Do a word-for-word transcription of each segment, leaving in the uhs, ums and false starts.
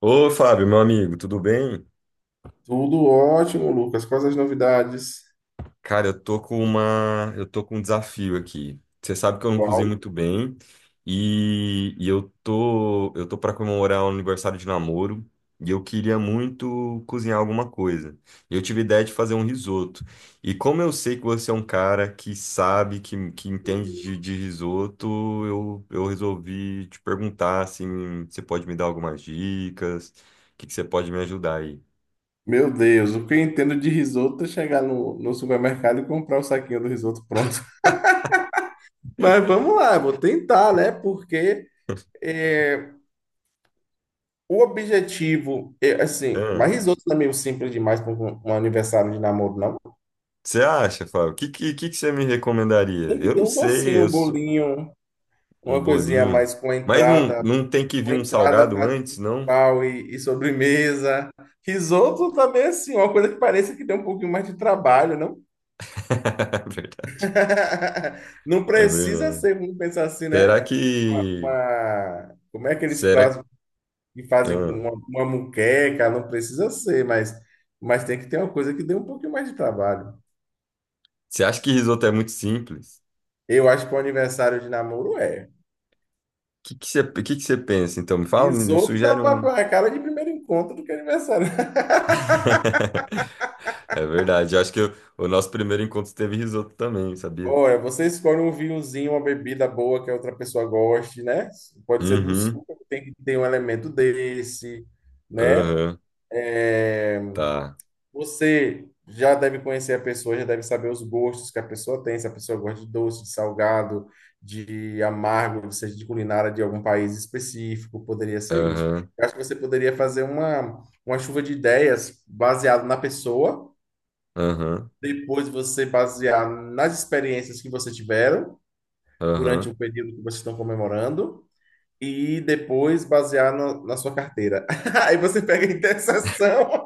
Ô, Fábio, meu amigo, tudo bem? Tudo ótimo, Lucas. Quais as novidades? Cara, eu tô com uma, eu tô com um desafio aqui. Você sabe que eu não cozinho Qual? muito bem e, e eu tô, eu tô para comemorar o aniversário de namoro e eu queria muito cozinhar alguma coisa. E eu tive ideia de fazer um risoto. E como eu sei que você é um cara que sabe, que, que entende de, de risoto, eu, eu resolvi te perguntar assim, você pode me dar algumas dicas? O que que você pode me ajudar aí? Meu Deus, o que eu entendo de risoto é chegar no, no supermercado e comprar o saquinho do risoto pronto. Mas vamos lá, vou tentar, né? Porque é, o objetivo, é, assim, mas risoto não é meio simples demais para um, um aniversário de namoro, não. Você acha, Fábio? O que, que, que que você me recomendaria? Tem que Eu ter não um sei, docinho, eu um sou bolinho, um uma coisinha a bolinho. mais com a Mas não, entrada, não tem que com vir a um entrada, salgado prato antes, não? principal e, e sobremesa. Risoto também, assim, uma coisa que parece que tem um pouquinho mais de trabalho, não? É verdade. Não É precisa verdade. ser, vamos pensar assim, Será né? Uma, que. Uma- como é aqueles Será. pratos que fazem com Ah, uma, uma moqueca? Não precisa ser, mas, mas tem que ter uma coisa que dê um pouquinho mais de trabalho. você acha que risoto é muito simples? Eu acho que o aniversário de namoro é. O que, que, você, que, que você pensa? Então, me fala, me, me Risoto dá sugere um. pra é cara de primeiro encontro do que aniversário. É verdade. Eu acho que eu- o nosso primeiro encontro teve risoto também, sabia? Olha, você escolhe um vinhozinho, uma bebida boa que a outra pessoa goste, né? Pode ser do Uhum. suco, tem que ter um elemento desse, né? Aham. É, Tá. você já deve conhecer a pessoa, já deve saber os gostos que a pessoa tem, se a pessoa gosta de doce, de salgado, de amargo, ou seja de culinária de algum país específico, poderia ser isso. Aham. Eu acho que você poderia fazer uma, uma chuva de ideias baseado na pessoa, Aham. depois você basear nas experiências que você tiveram durante Aham. o período que vocês estão comemorando. E depois basear na na sua carteira. Aí você pega a interseção.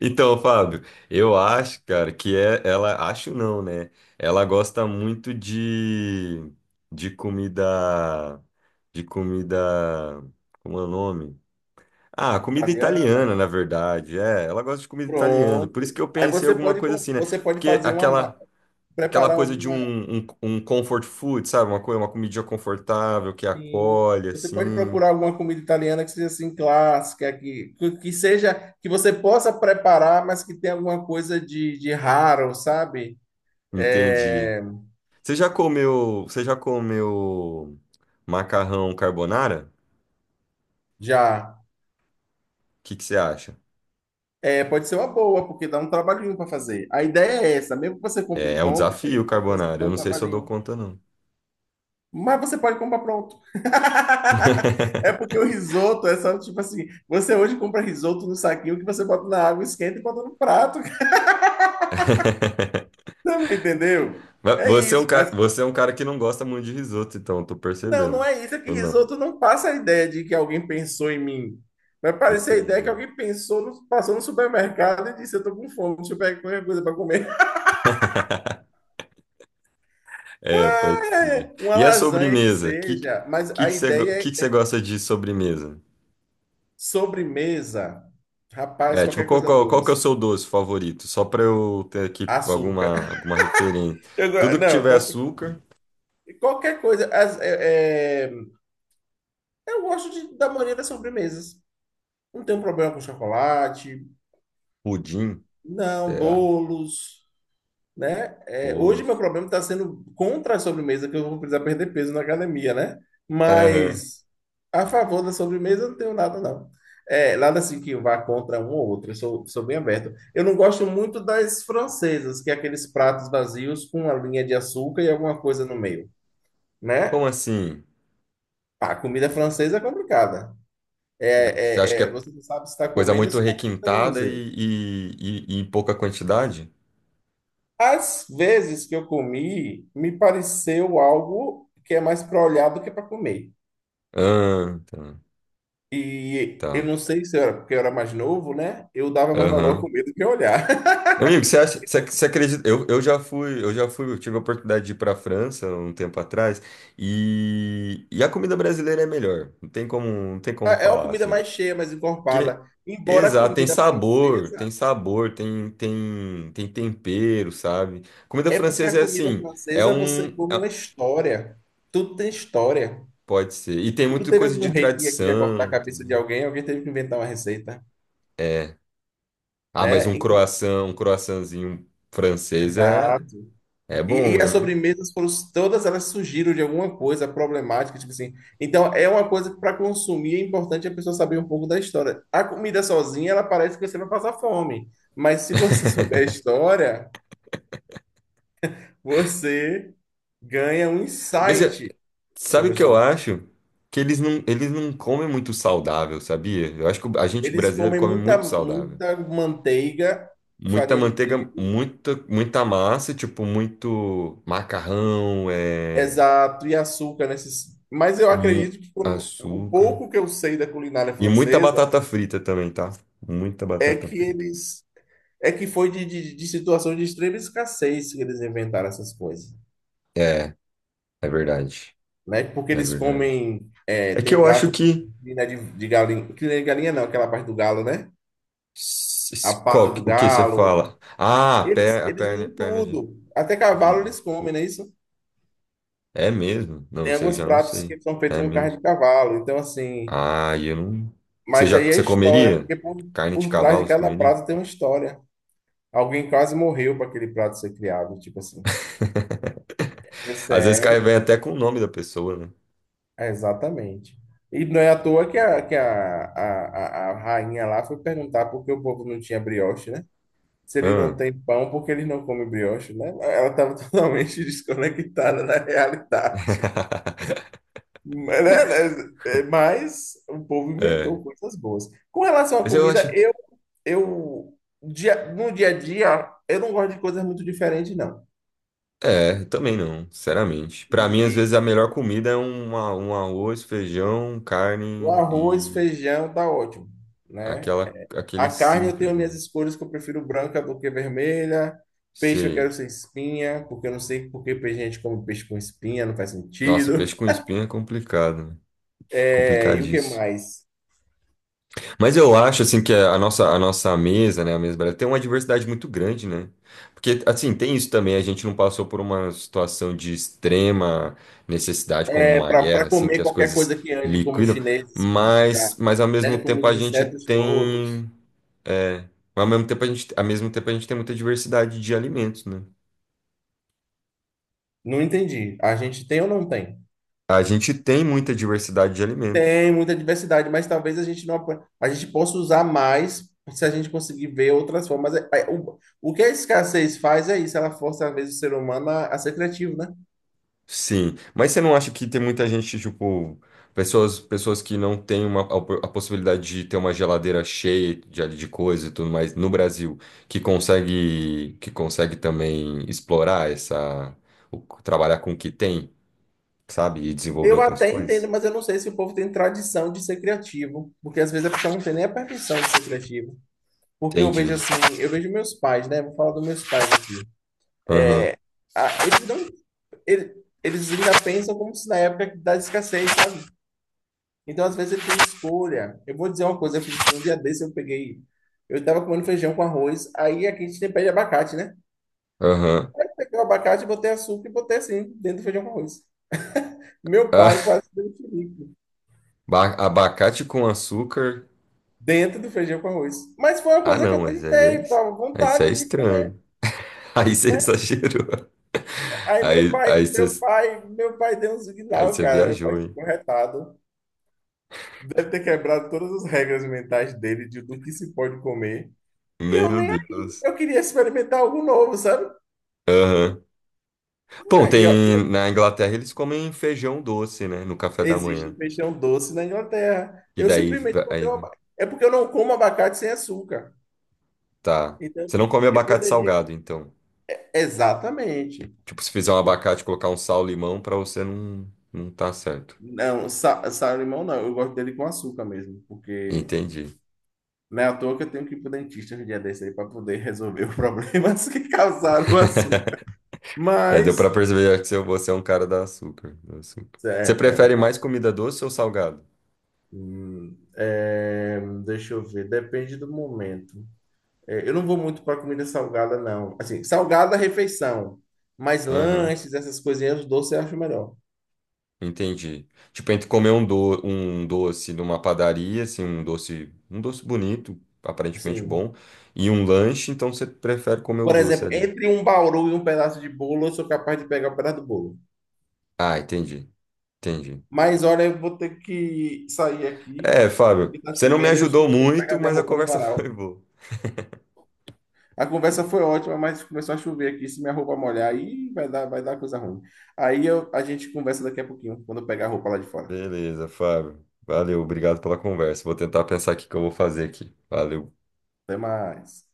Então, Fábio, eu acho, cara, que é, ela, acho não, né? Ela gosta muito de, de comida, de comida, como é o nome? Ah, comida Italiana. italiana, na verdade, é, ela gosta de comida italiana, por isso Pronto. que eu Aí pensei você alguma pode, coisa com- assim, né? você pode Porque fazer uma, ma- aquela, aquela preparar coisa de alguma, um, um, um comfort food, sabe? Uma coisa, uma comidinha confortável, que assim, acolhe, você pode assim, procurar alguma comida italiana que seja assim clássica, que, que, que seja, que você possa preparar, mas que tenha alguma coisa de, de raro, sabe? entendi. É, Você já comeu, você já comeu macarrão carbonara? já. O que que você acha? É, pode ser uma boa, porque dá um trabalhinho para fazer. A ideia é essa, mesmo que você É, compre é um pronto, tem desafio, alguma coisa que carbonara. dá Eu um não sei se eu dou trabalhinho. conta, não. Mas você pode comprar pronto. É porque o risoto é só tipo assim: você hoje compra risoto no saquinho que você bota na água, esquenta e bota no prato. Não entendeu? Mas É você é um isso. cara, Mas você é um cara que não gosta muito de risoto, então, eu tô não, não percebendo. é isso. É que Ou não? risoto não passa a ideia de que alguém pensou em mim. Vai parecer a ideia que Entendi. alguém pensou, no- passou no supermercado e disse: Eu tô com fome, deixa eu pegar qualquer coisa para comer. É, Ah, pode é, ser. é. Uma E a lasanha que sobremesa? Que seja. Mas que que a você, go- que ideia que é você é gosta de sobremesa? sobremesa. Rapaz, É, tipo, qualquer qual, coisa qual, qual que é o doce. seu doce favorito? Só pra eu ter aqui Açúcar. alguma, alguma referência. Eu go- Tudo que não, tiver qualquer, açúcar, Qualquer coisa. As- é- é, eu gosto de- da maioria das sobremesas. Não tenho problema com chocolate, pudim, não, será? bolos, né? É, hoje meu Bolos. problema está sendo contra a sobremesa, que eu vou precisar perder peso na academia, né? Aham. Mas a favor da sobremesa eu não tenho nada, não. É, nada assim que vá contra um ou outro, eu sou, sou bem aberto. Eu não gosto muito das francesas, que é aqueles pratos vazios com uma linha de açúcar e alguma coisa no meio, Como né? assim? Pá, comida francesa é complicada. Você acha que É, é, é, é Você não sabe se está coisa comendo ou muito se está visitando um requintada museu. e, e, e, e em pouca quantidade? Às vezes que eu comi, me pareceu algo que é mais para olhar do que para comer. Ah, tá. E eu Tá. não sei se eu era, porque eu era mais novo, né? Eu dava mais valor à Aham. comida do que a olhar. Amigo, você acha, você, você acredita? Eu, eu já fui, eu já fui, eu tive a oportunidade de ir para a França um tempo atrás e, e a comida brasileira é melhor. Não tem como, não tem como É uma falar comida assim. mais cheia, mais Porque, encorpada. Embora a exato, tem comida sabor, tem francesa, sabor, tem, tem, tem tempero, sabe? Comida é porque a francesa é comida assim, é francesa um, você come uma é- história. Tudo tem história. pode ser. E tem Tudo muita teve coisa algum de rei que queria cortar a tradição. cabeça de alguém, alguém teve que inventar uma receita. Ah, mas Né? um E- croissant, um croissantzinho francês é, Exato. é bom, E, e as né? sobremesas foram, todas elas surgiram de alguma coisa problemática, tipo assim. Então é uma coisa que para consumir é importante a pessoa saber um pouco da história. A comida sozinha, ela parece que você vai passar fome, mas se você souber a história, você ganha um Mas é- insight sabe sobre o a que eu situação. acho? Que eles não, eles não comem muito saudável, sabia? Eu acho que a gente Eles brasileiro comem come muita, muito saudável. muita manteiga, Muita farinha de manteiga, trigo, muita, muita massa, tipo, muito macarrão, é, exato, e açúcar nesses. Mas eu mu- acredito que quando- o açúcar. pouco que eu sei da culinária E muita francesa batata frita também, tá? Muita é batata que frita. eles é que foi de, de, de situação de extrema escassez que eles inventaram essas coisas, É, é verdade. né? Porque É eles verdade. comem é, É que tem eu acho prato com que crina de, de galinha, crina de galinha não, aquela parte do galo, né? s- A s- pata qual, que- do o que você galo. fala? Ah, a Eles per, a eles perna, usam perna de tudo, até cavalo tudo. eles comem, não é isso? É mesmo? Não, Tem isso aí eu alguns já não pratos sei. que são feitos É com carne mesmo? de cavalo, então assim, Ah, eu não. Você mas já, aí é você história, comeria? porque por, Carne de por trás de cavalo, você cada comeria? prato tem uma história. Alguém quase morreu para aquele prato ser criado, tipo assim. É Às vezes cai sério. vem até com o nome da pessoa, né? É, exatamente. E não é à toa que a, que a, a, a a rainha lá foi perguntar por que o povo não tinha brioche, né? Se ele não Ah. tem pão, por que ele não come brioche, né? Ela estava totalmente desconectada da realidade. Mas, né, né, é, mas o povo É. inventou coisas boas. Com relação à Mas eu acho. comida, eu, eu dia, no dia a dia, eu não gosto de coisas muito diferentes, não. É, também não, sinceramente. E, Pra mim, às e vezes, a melhor comida é um, a- um arroz, feijão, o carne arroz, e feijão, tá ótimo, né? aquela, aquele A carne eu tenho simples, minhas né? escolhas que eu prefiro branca do que vermelha. Peixe eu quero Sei. sem espinha, porque eu não sei por que gente come peixe com espinha, não faz Nossa, sentido. peixe com espinha é complicado, né? É, e o que Complicadíssimo. mais? Mas eu acho, assim, que a nossa, a nossa mesa, né, a mesa brasileira, tem uma diversidade muito grande, né? Porque, assim, tem isso também, a gente não passou por uma situação de extrema necessidade, como É, uma para guerra, assim, que comer as qualquer coisas coisa que ande, como os liquidam, chineses, que mas, já, mas ao mesmo né, como tempo os a gente insetos todos. tem, é, ao mesmo tempo a gente, ao mesmo tempo a gente tem muita diversidade de alimentos, né? Não entendi. A gente tem ou não tem? A gente tem muita diversidade de alimentos. Tem muita diversidade, mas talvez a gente não apro- a gente possa usar mais se a gente conseguir ver outras formas. É, é, O, o que a escassez faz é isso, ela força às vezes o ser humano a, a ser criativo, né? Sim, mas você não acha que tem muita gente, tipo, pessoas, pessoas que não têm uma, a, opor- a possibilidade de ter uma geladeira cheia de, de coisa e tudo mais no Brasil, que consegue, que consegue também explorar essa, o- trabalhar com o que tem, sabe? E desenvolver Eu outras até entendo, coisas? mas eu não sei se o povo tem tradição de ser criativo, porque às vezes a pessoa não tem nem a permissão de ser criativo. Porque eu vejo Entendi. assim, eu vejo meus pais, né? Vou falar dos meus pais aqui. Aham, Ah, eles não, ele- Eles ainda pensam como se na época da escassez, sabe? Então às vezes ele tem escolha. Eu vou dizer uma coisa, eu fiz um dia desse, eu peguei, eu tava comendo feijão com arroz, aí aqui a gente tem pé de abacate, né? aham. Eu peguei o abacate, botei açúcar e botei assim, dentro do feijão com arroz. Meu pai Ah, quase deu um chilique. ba- abacate com açúcar. Dentro do feijão com arroz. Mas foi uma Ah, coisa que não, eu mas aí é, tentei, tava com aí isso é vontade de comer, estranho. Aí você né? exagerou. Aí meu Aí, pai, aí meu você, pai, meu pai deu um aí sinal, você cara. Meu pai viajou, hein? ficou retado. Deve ter quebrado todas as regras mentais dele de do que se pode comer. E eu Meu nem aí. Deus. Eu queria experimentar algo novo, sabe? Aham. Bom, Né, E ó, tem eu- na Inglaterra eles comem feijão doce, né, no café da manhã. existe feijão doce na Inglaterra. E Eu daí simplesmente botei aí, uma... É porque eu não como abacate sem açúcar. tá. Então, Você não come eu abacate poderia... salgado, então. Exatamente. Tipo, se fizer um abacate, colocar um sal, limão, pra você não não tá certo. Não, sa sal-limão não, eu gosto dele com açúcar mesmo, porque Entendi. não é à toa que eu tenho que ir pro dentista um dia desse aí para poder resolver os problemas que causaram o açúcar. É, deu pra Mas, perceber que você você é um cara da açúcar, do açúcar. é, Você é, prefere mais comida doce ou salgado? hum, é, deixa eu ver, depende do momento. É, eu não vou muito para comida salgada, não. Assim, salgada, refeição, mas Aham. lanches, essas coisinhas, doce eu acho melhor. Entendi. Tipo, entre comer um, do, um doce numa padaria, assim, um doce, um doce bonito, aparentemente Sim, bom, e um lanche, então você prefere comer o por doce exemplo, ali. entre um bauru e um pedaço de bolo, eu sou capaz de pegar o pedaço do bolo. Ah, entendi. Entendi. Mas olha, eu vou ter que sair aqui, É, Fábio, que tá você não me chovendo, e acho que eu ajudou vou ter que pegar muito, minha mas a roupa no conversa foi varal. boa. A conversa foi ótima, mas começou a chover aqui. Se minha roupa molhar, aí vai dar, vai dar coisa ruim. Aí eu- a gente conversa daqui a pouquinho, quando eu pegar a roupa lá de fora. Beleza, Fábio. Valeu, obrigado pela conversa. Vou tentar pensar aqui o que eu vou fazer aqui. Valeu. Até mais.